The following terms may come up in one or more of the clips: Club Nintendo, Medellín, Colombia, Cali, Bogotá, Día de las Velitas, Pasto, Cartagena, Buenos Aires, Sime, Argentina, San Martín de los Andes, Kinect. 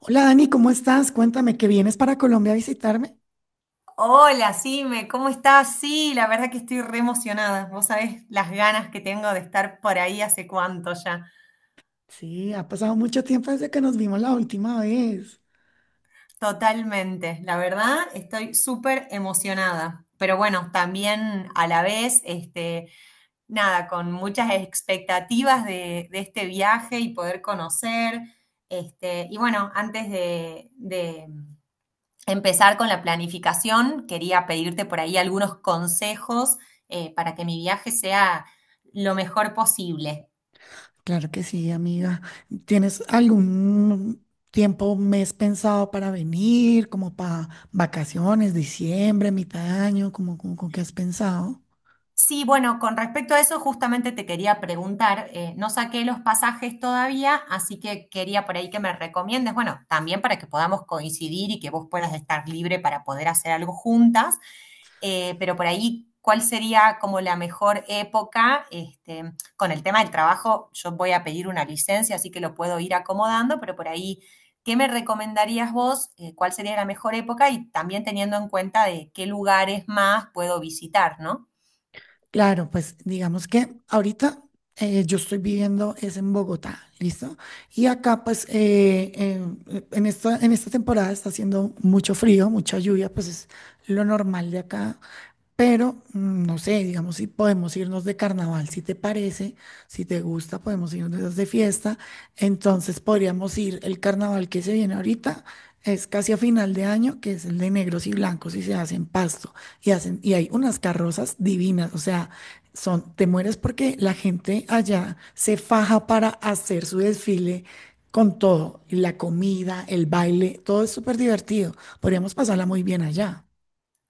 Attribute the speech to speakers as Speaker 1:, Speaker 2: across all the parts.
Speaker 1: Hola Dani, ¿cómo estás? Cuéntame que vienes para Colombia a visitarme.
Speaker 2: Hola, Sime, ¿cómo estás? Sí, la verdad que estoy re emocionada. Vos sabés las ganas que tengo de estar por ahí hace cuánto ya.
Speaker 1: Sí, ha pasado mucho tiempo desde que nos vimos la última vez.
Speaker 2: Totalmente, la verdad estoy súper emocionada. Pero bueno, también a la vez, nada, con muchas expectativas de este viaje y poder conocer. Y bueno, empezar con la planificación. Quería pedirte por ahí algunos consejos para que mi viaje sea lo mejor posible.
Speaker 1: Claro que sí, amiga. ¿Tienes algún tiempo, mes pensado para venir, como para vacaciones, diciembre, mitad de año, con qué has pensado?
Speaker 2: Sí, bueno, con respecto a eso justamente te quería preguntar, no saqué los pasajes todavía, así que quería por ahí que me recomiendes, bueno, también para que podamos coincidir y que vos puedas estar libre para poder hacer algo juntas. Pero por ahí, ¿cuál sería como la mejor época? Con el tema del trabajo, yo voy a pedir una licencia, así que lo puedo ir acomodando, pero por ahí, ¿qué me recomendarías vos? ¿Cuál sería la mejor época? Y también teniendo en cuenta de qué lugares más puedo visitar, ¿no?
Speaker 1: Claro, pues digamos que ahorita yo estoy viviendo es en Bogotá, ¿listo? Y acá pues en esta temporada está haciendo mucho frío, mucha lluvia, pues es lo normal de acá. Pero, no sé, digamos, si podemos irnos de carnaval, si te parece, si te gusta, podemos irnos de fiesta. Entonces podríamos ir, el carnaval que se viene ahorita es casi a final de año, que es el de negros y blancos y se hacen pasto y hacen, y hay unas carrozas divinas, o sea, son, te mueres porque la gente allá se faja para hacer su desfile con todo, y la comida, el baile, todo es súper divertido. Podríamos pasarla muy bien allá.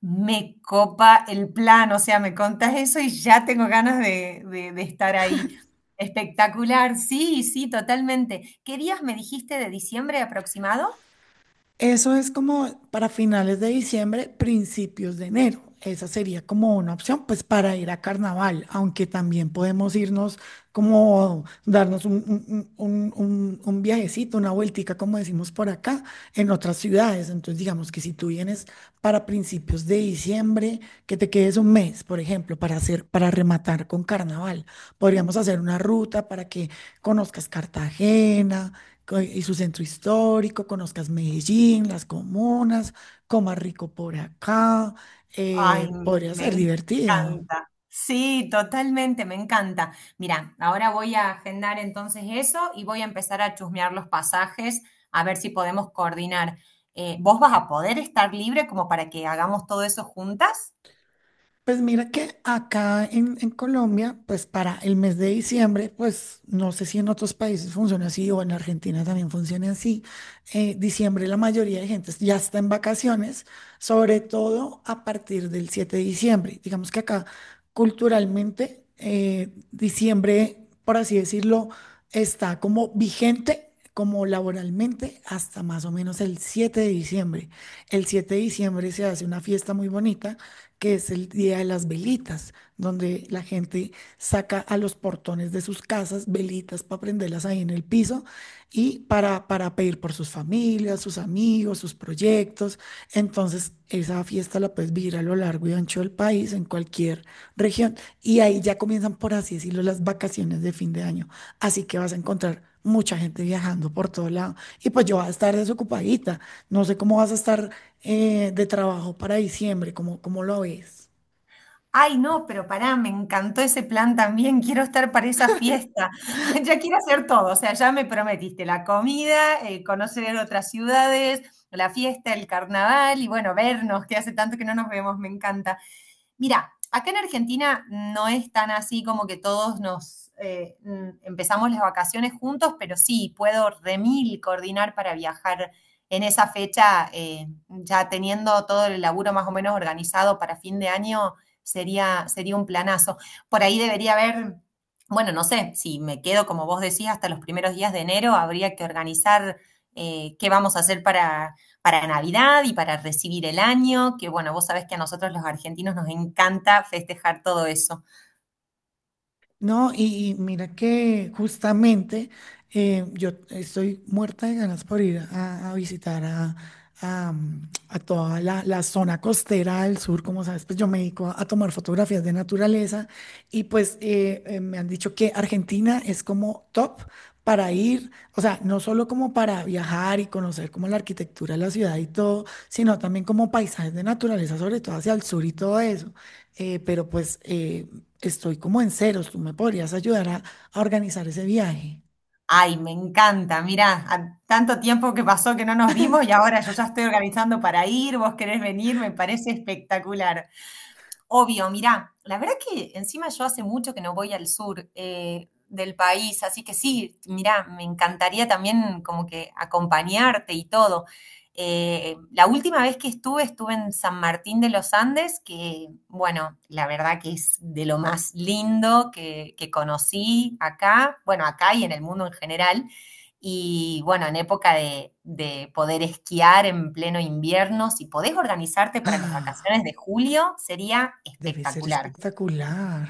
Speaker 2: Me copa el plan, o sea, me contás eso y ya tengo ganas de estar ahí. Espectacular, sí, sí, totalmente. ¿Qué días me dijiste de diciembre aproximado?
Speaker 1: Eso es como para finales de diciembre, principios de enero. Esa sería como una opción, pues para ir a carnaval, aunque también podemos irnos como darnos un viajecito, una vueltica, como decimos por acá, en otras ciudades. Entonces, digamos que si tú vienes para principios de diciembre, que te quedes un mes, por ejemplo, para hacer, para rematar con carnaval. Podríamos hacer una ruta para que conozcas Cartagena y su centro histórico, conozcas Medellín, las comunas, comas rico por acá,
Speaker 2: Ay,
Speaker 1: podría
Speaker 2: me
Speaker 1: ser divertido.
Speaker 2: encanta. Sí, totalmente, me encanta. Mira, ahora voy a agendar entonces eso y voy a empezar a chusmear los pasajes a ver si podemos coordinar. ¿Vos vas a poder estar libre como para que hagamos todo eso juntas?
Speaker 1: Pues mira que acá en Colombia, pues para el mes de diciembre, pues no sé si en otros países funciona así o en Argentina también funciona así. Eh, diciembre la mayoría de gente ya está en vacaciones, sobre todo a partir del 7 de diciembre. Digamos que acá culturalmente diciembre, por así decirlo, está como vigente. Como laboralmente hasta más o menos el 7 de diciembre. El 7 de diciembre se hace una fiesta muy bonita que es el Día de las Velitas, donde la gente saca a los portones de sus casas velitas para prenderlas ahí en el piso y para pedir por sus familias, sus amigos, sus proyectos. Entonces, esa fiesta la puedes vivir a lo largo y ancho del país, en cualquier región. Y ahí ya comienzan, por así decirlo, las vacaciones de fin de año. Así que vas a encontrar mucha gente viajando por todo lado. Y pues yo voy a estar desocupadita. No sé cómo vas a estar de trabajo para diciembre, cómo lo ves.
Speaker 2: Ay, no, pero pará, me encantó ese plan también. Quiero estar para esa fiesta. Ya quiero hacer todo. O sea, ya me prometiste la comida, conocer otras ciudades, la fiesta, el carnaval y bueno, vernos, que hace tanto que no nos vemos, me encanta. Mira, acá en Argentina no es tan así como que todos nos empezamos las vacaciones juntos, pero sí, puedo remil coordinar para viajar en esa fecha, ya teniendo todo el laburo más o menos organizado para fin de año, sería un planazo. Por ahí debería haber, bueno, no sé, si me quedo, como vos decís, hasta los primeros días de enero, habría que organizar qué vamos a hacer para Navidad y para recibir el año, que bueno, vos sabés que a nosotros los argentinos nos encanta festejar todo eso.
Speaker 1: No, y mira que justamente yo estoy muerta de ganas por ir a visitar a a toda la zona costera del sur, como sabes, pues yo me dedico a tomar fotografías de naturaleza y pues me han dicho que Argentina es como top para ir, o sea, no solo como para viajar y conocer como la arquitectura de la ciudad y todo, sino también como paisajes de naturaleza, sobre todo hacia el sur y todo eso. Pero estoy como en ceros. ¿Tú me podrías ayudar a organizar ese viaje?
Speaker 2: Ay, me encanta, mira, tanto tiempo que pasó que no nos vimos y ahora yo ya estoy organizando para ir, vos querés venir, me parece espectacular. Obvio, mirá, la verdad que encima yo hace mucho que no voy al sur del país, así que sí, mirá, me encantaría también como que acompañarte y todo. La última vez que estuve, estuve en San Martín de los Andes, que bueno, la verdad que es de lo más lindo que conocí acá, bueno, acá y en el mundo en general. Y bueno, en época de poder esquiar en pleno invierno, si podés organizarte para las
Speaker 1: Ah,
Speaker 2: vacaciones de julio, sería
Speaker 1: debe ser
Speaker 2: espectacular.
Speaker 1: espectacular.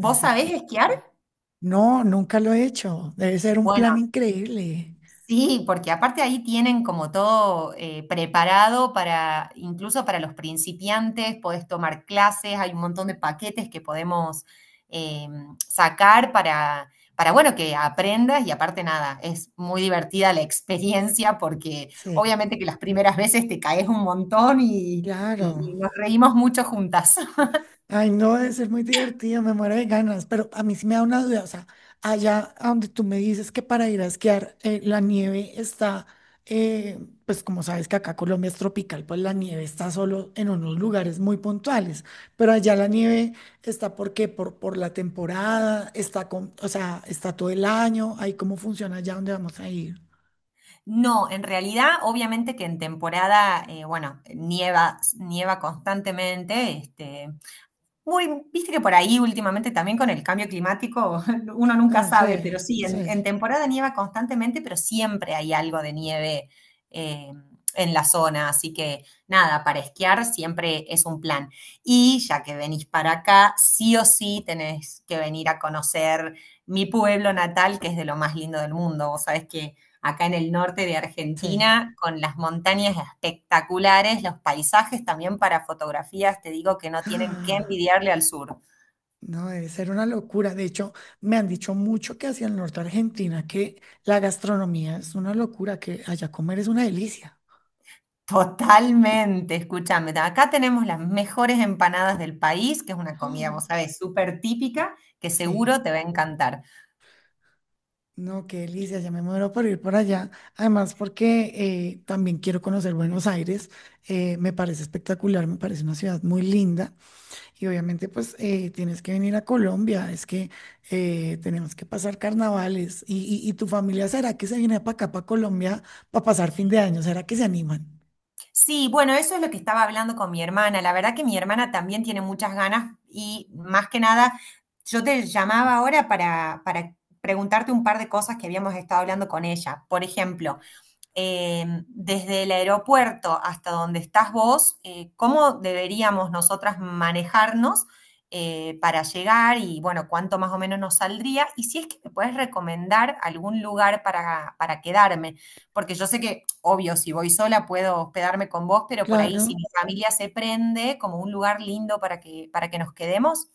Speaker 1: Debe ser... gen-
Speaker 2: sabés esquiar?
Speaker 1: No, nunca lo he hecho. Debe ser un
Speaker 2: Bueno,
Speaker 1: plan increíble.
Speaker 2: sí, porque aparte ahí tienen como todo preparado para, incluso para los principiantes, podés tomar clases, hay un montón de paquetes que podemos eh, sacar para, bueno, que aprendas y aparte nada, es muy divertida la experiencia porque
Speaker 1: Sí,
Speaker 2: obviamente que las primeras veces te caes un montón y
Speaker 1: claro.
Speaker 2: nos reímos mucho juntas.
Speaker 1: Ay, no, debe ser muy divertido, me muero de ganas, pero a mí sí me da una duda, o sea, allá a donde tú me dices que para ir a esquiar la nieve está, eh, pues como sabes que acá Colombia es tropical, pues la nieve está solo en unos lugares muy puntuales, pero allá la nieve está. ¿Por qué? Por la temporada, está con, o sea, está todo el año. Ahí cómo funciona allá donde vamos a ir.
Speaker 2: No, en realidad, obviamente que en temporada, bueno, nieva constantemente, muy, viste que por ahí últimamente también con el cambio climático uno nunca
Speaker 1: Ah,
Speaker 2: sabe,
Speaker 1: sí,
Speaker 2: pero sí,
Speaker 1: sí,
Speaker 2: en temporada nieva constantemente, pero siempre hay algo de nieve eh, en la zona, así que nada, para esquiar siempre es un plan. Y ya que venís para acá, sí o sí tenés que venir a conocer mi pueblo natal, que es de lo más lindo del mundo. Vos sabés que acá en el norte de
Speaker 1: sí.
Speaker 2: Argentina, con las montañas espectaculares, los paisajes también para fotografías, te digo que no tienen que envidiarle al sur.
Speaker 1: No, debe ser una locura. De hecho, me han dicho mucho que hacia el norte de Argentina que la gastronomía es una locura, que allá comer es una delicia.
Speaker 2: Totalmente, escúchame. Acá tenemos las mejores empanadas del país, que es una comida,
Speaker 1: Ah,
Speaker 2: vos sabés, súper típica, que
Speaker 1: sí,
Speaker 2: seguro te va a encantar.
Speaker 1: no, qué delicia, ya me muero por ir por allá. Además, porque también quiero conocer Buenos Aires. Me parece espectacular, me parece una ciudad muy linda y obviamente pues tienes que venir a Colombia, es que tenemos que pasar carnavales y, y tu familia, ¿será que se viene para acá, para Colombia, para pasar fin de año? ¿Será que se animan?
Speaker 2: Sí, bueno, eso es lo que estaba hablando con mi hermana. La verdad que mi hermana también tiene muchas ganas y más que nada, yo te llamaba ahora para preguntarte un par de cosas que habíamos estado hablando con ella. Por ejemplo, desde el aeropuerto hasta donde estás vos, cómo deberíamos nosotras manejarnos para llegar y, bueno, cuánto más o menos nos saldría. Y si es que me puedes recomendar algún lugar para quedarme, porque yo sé que, obvio, si voy sola puedo hospedarme con vos, pero por ahí si
Speaker 1: Claro.
Speaker 2: mi familia se prende, como un lugar lindo para para que nos quedemos.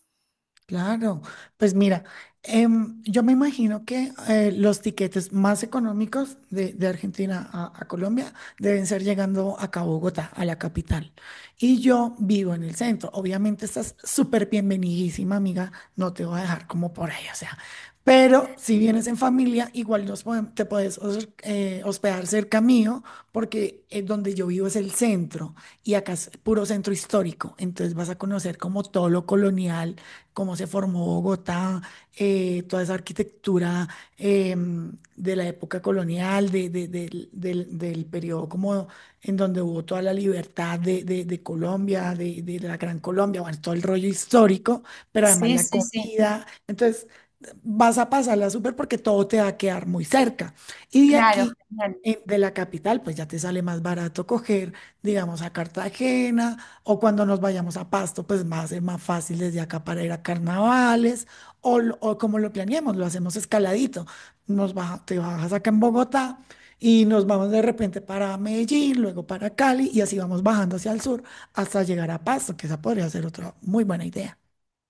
Speaker 1: Claro, pues mira, yo me imagino que los tiquetes más económicos de Argentina a Colombia deben ser llegando acá a Bogotá, a la capital. Y yo vivo en el centro. Obviamente estás súper bienvenidísima, amiga. No te voy a dejar como por ahí, o sea. Pero si vienes en familia, igual nos podem- te puedes hos- hospedar cerca mío, porque donde yo vivo es el centro y acá es puro centro histórico. Entonces vas a conocer como todo lo colonial, cómo se formó Bogotá, toda esa arquitectura de la época colonial, del periodo como en donde hubo toda la libertad de Colombia, de la Gran Colombia, bueno, todo el rollo histórico, pero además
Speaker 2: Sí,
Speaker 1: la
Speaker 2: sí, sí,
Speaker 1: comida. Entonces, vas a pasarla súper porque todo te va a quedar muy cerca. Y de
Speaker 2: claro,
Speaker 1: aquí,
Speaker 2: genial.
Speaker 1: de la capital, pues ya te sale más barato coger, digamos, a Cartagena o cuando nos vayamos a Pasto, pues va a ser más fácil desde acá para ir a carnavales, o, o como lo planeemos, lo hacemos escaladito. Te bajas acá en Bogotá y nos vamos de repente para Medellín, luego para Cali, y así vamos bajando hacia el sur hasta llegar a Pasto, que esa podría ser otra muy buena idea.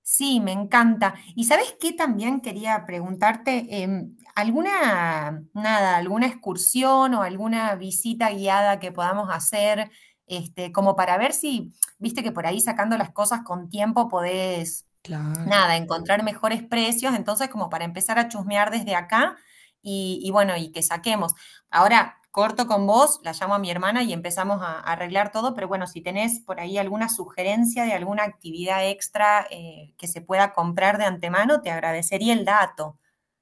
Speaker 2: Sí, me encanta. ¿Y sabes qué también quería preguntarte? ¿Alguna, nada, alguna excursión o alguna visita guiada que podamos hacer, como para ver si, viste que por ahí sacando las cosas con tiempo podés
Speaker 1: Claro.
Speaker 2: nada, encontrar mejores precios, entonces como para empezar a chusmear desde acá y bueno, y que saquemos. Ahora corto con vos, la llamo a mi hermana y empezamos a arreglar todo, pero bueno, si tenés por ahí alguna sugerencia de alguna actividad extra que se pueda comprar de antemano, te agradecería el dato.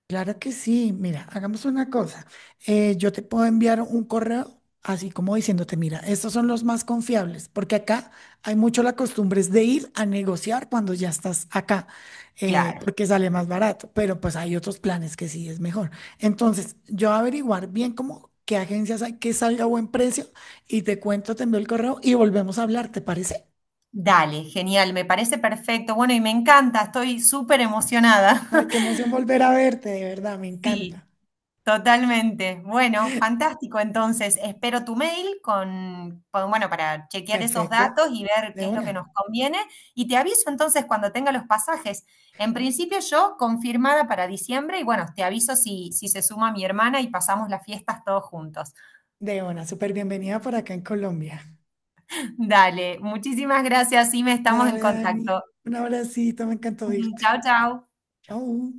Speaker 1: Claro que sí. Mira, hagamos una cosa. Yo te puedo enviar un correo así como diciéndote, mira, estos son los más confiables, porque acá hay mucho la costumbre es de ir a negociar cuando ya estás acá,
Speaker 2: Claro.
Speaker 1: porque sale más barato, pero pues hay otros planes que sí es mejor. Entonces, yo averiguar bien cómo, qué agencias hay que salga a buen precio y te cuento, te envío el correo y volvemos a hablar, ¿te parece?
Speaker 2: Dale, genial, me parece perfecto. Bueno, y me encanta, estoy súper emocionada.
Speaker 1: Ay, qué emoción volver a verte, de verdad, me
Speaker 2: Sí.
Speaker 1: encanta.
Speaker 2: Totalmente. Bueno, fantástico. Entonces, espero tu mail bueno, para chequear esos
Speaker 1: Perfecto.
Speaker 2: datos y ver
Speaker 1: De
Speaker 2: qué es lo que nos
Speaker 1: una.
Speaker 2: conviene. Y te aviso entonces cuando tenga los pasajes. En principio yo confirmada para diciembre y bueno, te aviso si, si se suma mi hermana y pasamos las fiestas todos juntos.
Speaker 1: De una, súper bienvenida por acá en Colombia.
Speaker 2: Dale, muchísimas gracias, me estamos en
Speaker 1: Dale, Dani.
Speaker 2: contacto.
Speaker 1: Un abracito, me encantó irte.
Speaker 2: Chao, chao.
Speaker 1: Chau.